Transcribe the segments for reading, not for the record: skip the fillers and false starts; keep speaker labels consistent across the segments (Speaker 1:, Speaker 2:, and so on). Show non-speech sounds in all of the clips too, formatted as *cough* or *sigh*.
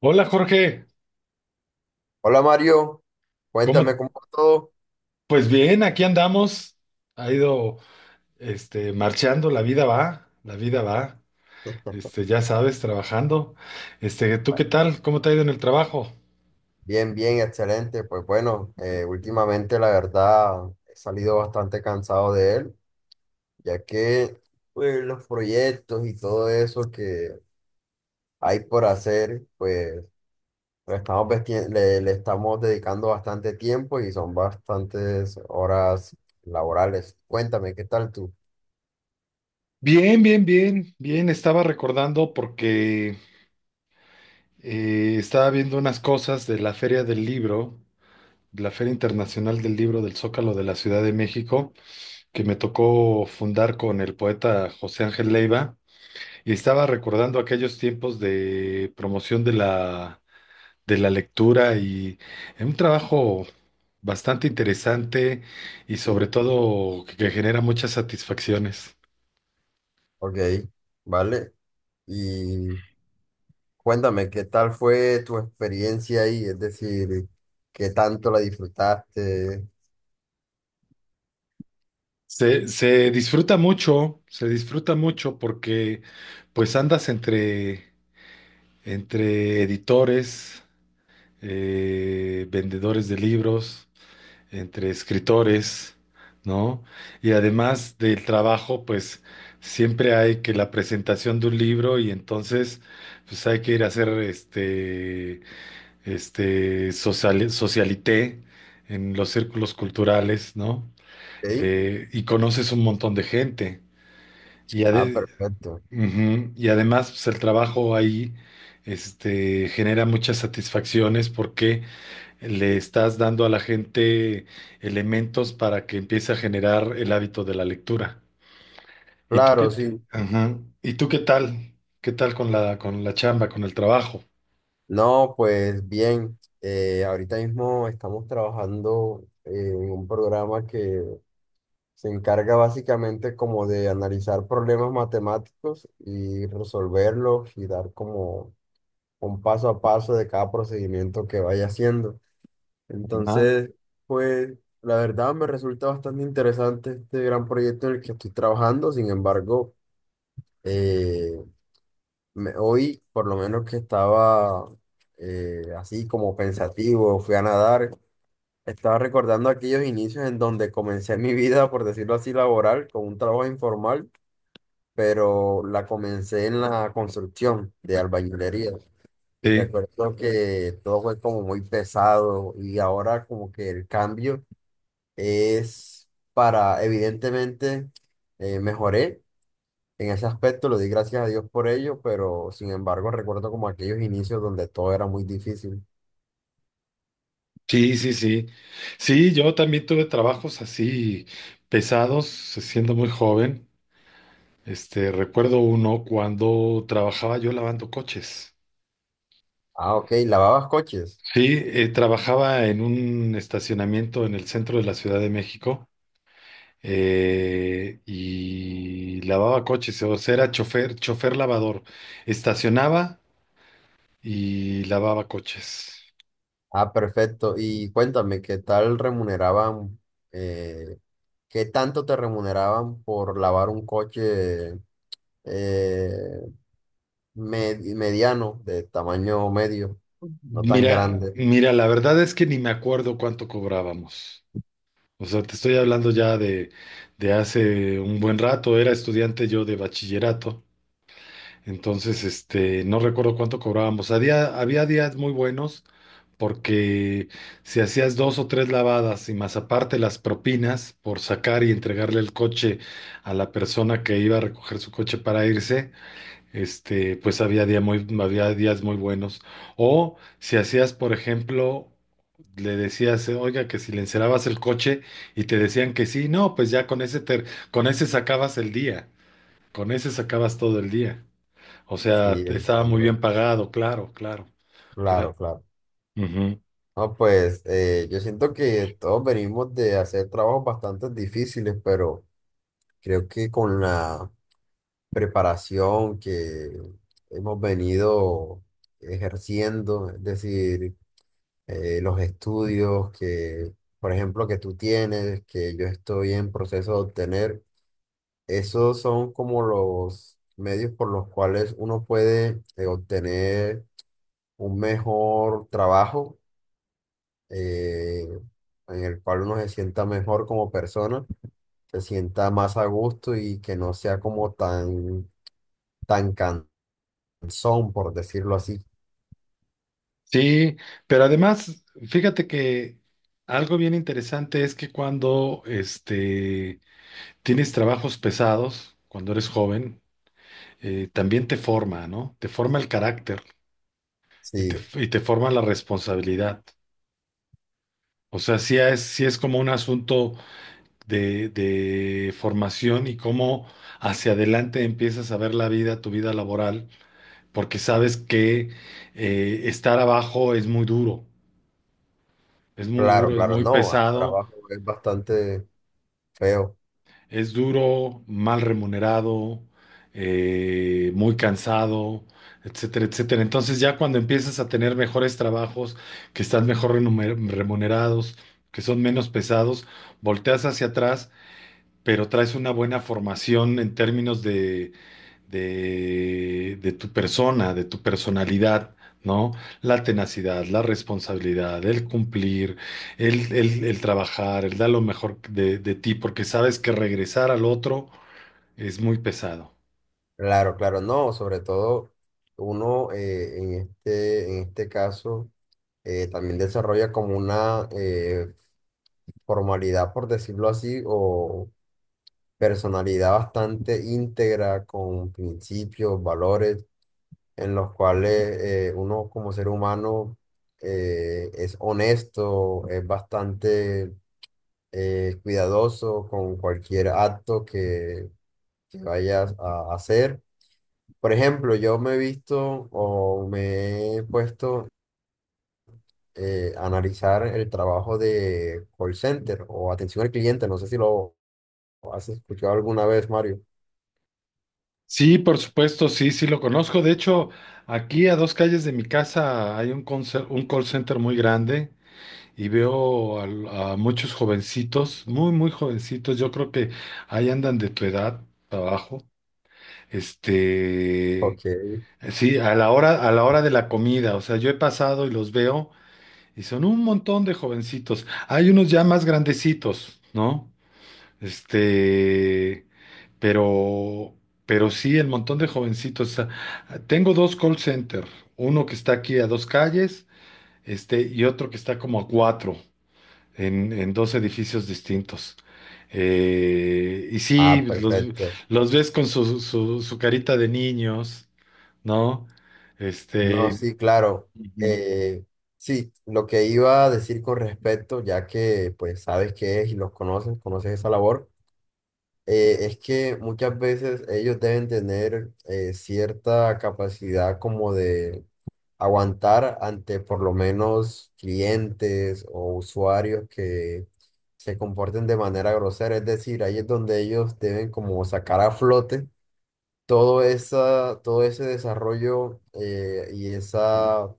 Speaker 1: Hola Jorge,
Speaker 2: Hola Mario, cuéntame
Speaker 1: ¿cómo?
Speaker 2: cómo va todo.
Speaker 1: Pues bien, aquí andamos. Ha ido, marchando, la vida va, la vida va. Ya sabes, trabajando. ¿Tú qué tal? ¿Cómo te ha ido en el trabajo?
Speaker 2: Bien, bien, excelente. Pues bueno, últimamente la verdad he salido bastante cansado de él, ya que pues, los proyectos y todo eso que hay por hacer, pues lo estamos vesti- le estamos dedicando bastante tiempo y son bastantes horas laborales. Cuéntame, ¿qué tal tú?
Speaker 1: Bien, bien, bien, bien. Estaba recordando porque estaba viendo unas cosas de la Feria del Libro, de la Feria Internacional del Libro del Zócalo de la Ciudad de México, que me tocó fundar con el poeta José Ángel Leiva. Y estaba recordando aquellos tiempos de promoción de la lectura y en un trabajo bastante interesante y sobre
Speaker 2: Sí.
Speaker 1: todo que genera muchas satisfacciones.
Speaker 2: Ok, vale. Y Cuéntame, ¿qué tal fue tu experiencia ahí? Es decir, ¿qué tanto la disfrutaste?
Speaker 1: Se disfruta mucho, se disfruta mucho porque pues andas entre editores, vendedores de libros. Entre escritores, ¿no? Y además del trabajo, pues siempre hay que la presentación de un libro y entonces pues hay que ir a hacer este socialité en los círculos culturales, ¿no?
Speaker 2: ¿Sí?
Speaker 1: Y conoces un montón de gente. Y,
Speaker 2: Ah,
Speaker 1: ade-
Speaker 2: perfecto.
Speaker 1: Ujú. Y además pues, el trabajo ahí genera muchas satisfacciones, porque le estás dando a la gente elementos para que empiece a generar el hábito de la lectura.
Speaker 2: Claro, sí.
Speaker 1: Ajá. ¿Y tú qué tal? ¿Qué tal con la chamba, con el trabajo?
Speaker 2: No, pues bien, ahorita mismo estamos trabajando en un programa que se encarga básicamente como de analizar problemas matemáticos y resolverlos y dar como un paso a paso de cada procedimiento que vaya haciendo.
Speaker 1: Ajá.
Speaker 2: Entonces, pues la verdad me resulta bastante interesante este gran proyecto en el que estoy trabajando. Sin embargo, eh, hoy, por lo menos que estaba así como pensativo, fui a nadar, estaba recordando aquellos inicios en donde comencé mi vida, por decirlo así, laboral, con un trabajo informal, pero la comencé en la construcción de albañilería. Y
Speaker 1: Sí,
Speaker 2: recuerdo que todo fue como muy pesado y ahora como que el cambio es para, evidentemente, mejoré en ese aspecto, lo di gracias a Dios por ello, pero sin embargo recuerdo como aquellos inicios donde todo era muy difícil.
Speaker 1: sí, sí, sí. Sí, yo también tuve trabajos así pesados, siendo muy joven. Recuerdo uno cuando trabajaba yo lavando coches.
Speaker 2: Ah, ok, lavabas coches.
Speaker 1: Sí, trabajaba en un estacionamiento en el centro de la Ciudad de México y lavaba coches, o sea, era chofer, chofer lavador. Estacionaba y lavaba coches.
Speaker 2: Ah, perfecto. Y cuéntame, ¿qué tal remuneraban, eh, qué tanto te remuneraban por lavar un coche eh, mediano, de tamaño medio, no tan
Speaker 1: Mira,
Speaker 2: grande?
Speaker 1: mira, la verdad es que ni me acuerdo cuánto cobrábamos. O sea, te estoy hablando ya de hace un buen rato. Era estudiante yo de bachillerato. Entonces, no recuerdo cuánto cobrábamos. Había días muy buenos porque si hacías dos o tres lavadas y más aparte las propinas por sacar y entregarle el coche a la persona que iba a recoger su coche para irse, pues había días muy buenos. O si hacías, por ejemplo, le decías, oiga, que si le encerabas el coche y te decían que sí, no, pues ya con ese sacabas el día, con ese sacabas todo el día. O sea,
Speaker 2: Sí,
Speaker 1: te estaba muy bien
Speaker 2: entiendo.
Speaker 1: pagado, claro, claro, claro.
Speaker 2: Claro, claro.
Speaker 1: Ujú.
Speaker 2: No, pues yo siento que todos venimos de hacer trabajos bastante difíciles, pero creo que con la preparación que hemos venido ejerciendo, es decir, los estudios que, por ejemplo, que tú tienes, que yo estoy en proceso de obtener, esos son como los medios por los cuales uno puede obtener un mejor trabajo eh, en el cual uno se sienta mejor como persona, se sienta más a gusto y que no sea como tan, tan cansón, por decirlo así.
Speaker 1: Sí, pero además, fíjate que algo bien interesante es que cuando tienes trabajos pesados, cuando eres joven, también te forma, ¿no? Te forma el carácter y
Speaker 2: Sí,
Speaker 1: y te forma la responsabilidad. O sea, sí es como un asunto de formación y cómo hacia adelante empiezas a ver la vida, tu vida laboral, porque sabes que estar abajo es muy duro, es muy
Speaker 2: claro,
Speaker 1: duro, es
Speaker 2: claro,
Speaker 1: muy
Speaker 2: no, el
Speaker 1: pesado.
Speaker 2: trabajo es bastante feo.
Speaker 1: Es duro, mal remunerado, muy cansado, etcétera, etcétera. Entonces ya cuando empiezas a tener mejores trabajos, que están mejor remunerados, que son menos pesados, volteas hacia atrás, pero traes una buena formación en términos de tu persona, de tu personalidad, ¿no? La tenacidad, la responsabilidad, el cumplir, el trabajar, el dar lo mejor de ti, porque sabes que regresar al otro es muy pesado.
Speaker 2: Claro, claro, no, sobre todo uno en este caso también desarrolla como una formalidad, por decirlo así, o personalidad bastante íntegra con principios, valores en los cuales uno como ser humano es honesto, es bastante cuidadoso con cualquier acto que vayas a hacer. Por ejemplo, yo me he visto o me he puesto a analizar el trabajo de call center o atención al cliente. No sé si lo has escuchado alguna vez, Mario.
Speaker 1: Sí, por supuesto, sí, sí lo conozco. De hecho, aquí a dos calles de mi casa hay un call center muy grande y muchos jovencitos, muy, muy jovencitos. Yo creo que ahí andan de tu edad para abajo, este,
Speaker 2: Ok.
Speaker 1: sí, a la hora de la comida, o sea, yo he pasado y los veo y son un montón de jovencitos. Hay unos ya más grandecitos, ¿no? Este, pero, pero sí, el montón de jovencitos. O sea, tengo dos call center, uno que está aquí a dos calles, y otro que está como a cuatro, en dos edificios distintos. Y sí,
Speaker 2: Ah, perfecto.
Speaker 1: los ves con su carita de niños, ¿no?
Speaker 2: No,
Speaker 1: Este,
Speaker 2: sí, claro.
Speaker 1: Ujú.
Speaker 2: Eh, sí, lo que iba a decir con respecto, ya que pues sabes qué es y los conoces, conoces esa labor, es que muchas veces ellos deben tener cierta capacidad como de aguantar ante por lo menos clientes o usuarios que se comporten de manera grosera. Es decir, ahí es donde ellos deben como sacar a flote todo esa, todo ese desarrollo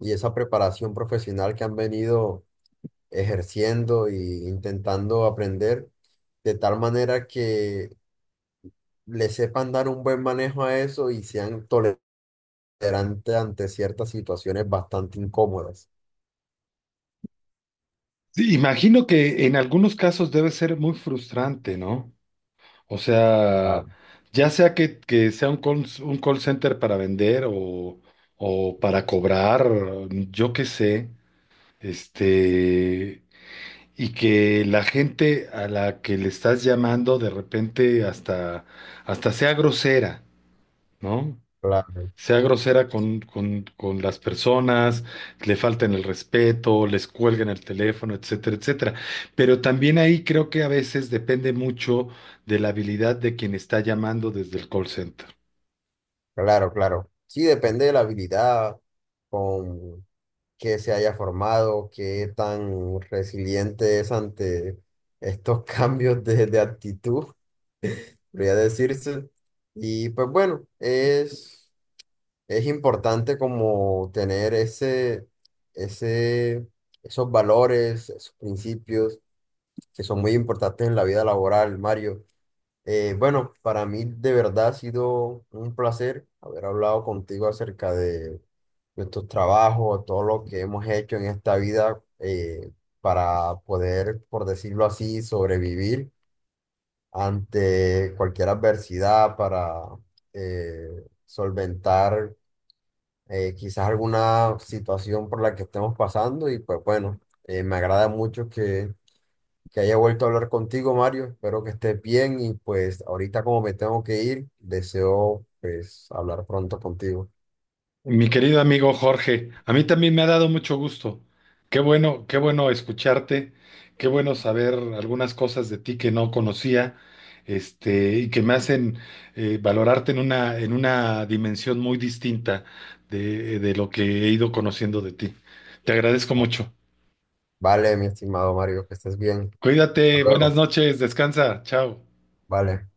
Speaker 2: y esa preparación profesional que han venido ejerciendo e intentando aprender, de tal manera que le sepan dar un buen manejo a eso y sean tolerantes ante ciertas situaciones bastante incómodas.
Speaker 1: Sí, imagino que en algunos casos debe ser muy frustrante, ¿no? O sea,
Speaker 2: Claro,
Speaker 1: ya sea que sea un call center para vender o para cobrar, yo qué sé, este, y que la gente a la que le estás llamando de repente hasta sea grosera, ¿no?
Speaker 2: claro,
Speaker 1: Sea grosera con, con las personas, le falten el respeto, les cuelguen el teléfono, etcétera, etcétera. Pero también ahí creo que a veces depende mucho de la habilidad de quien está llamando desde el call center.
Speaker 2: claro, claro. Sí, depende de la habilidad con que se haya formado, qué tan resiliente es ante estos *laughs* cambios de actitud, podría decirse. Y pues bueno, Es importante como tener ese, ese, esos valores, esos principios que son muy importantes en la vida laboral, Mario. Bueno, para mí de verdad ha sido un placer haber hablado contigo acerca de nuestros trabajos, todo lo que hemos hecho en esta vida para poder, por decirlo así, sobrevivir ante cualquier adversidad, para eh, solventar quizás alguna situación por la que estemos pasando y pues bueno, me agrada mucho que haya vuelto a hablar contigo, Mario. Espero que estés bien y pues ahorita como me tengo que ir, deseo pues hablar pronto contigo.
Speaker 1: Mi querido amigo Jorge, a mí también me ha dado mucho gusto. Qué bueno escucharte, qué bueno saber algunas cosas de ti que no conocía, y que me hacen valorarte en una dimensión muy distinta de lo que he ido conociendo de ti. Te agradezco mucho.
Speaker 2: Vale, mi estimado Mario, que estés bien.
Speaker 1: Cuídate,
Speaker 2: Hasta
Speaker 1: buenas
Speaker 2: luego.
Speaker 1: noches, descansa, chao.
Speaker 2: Vale.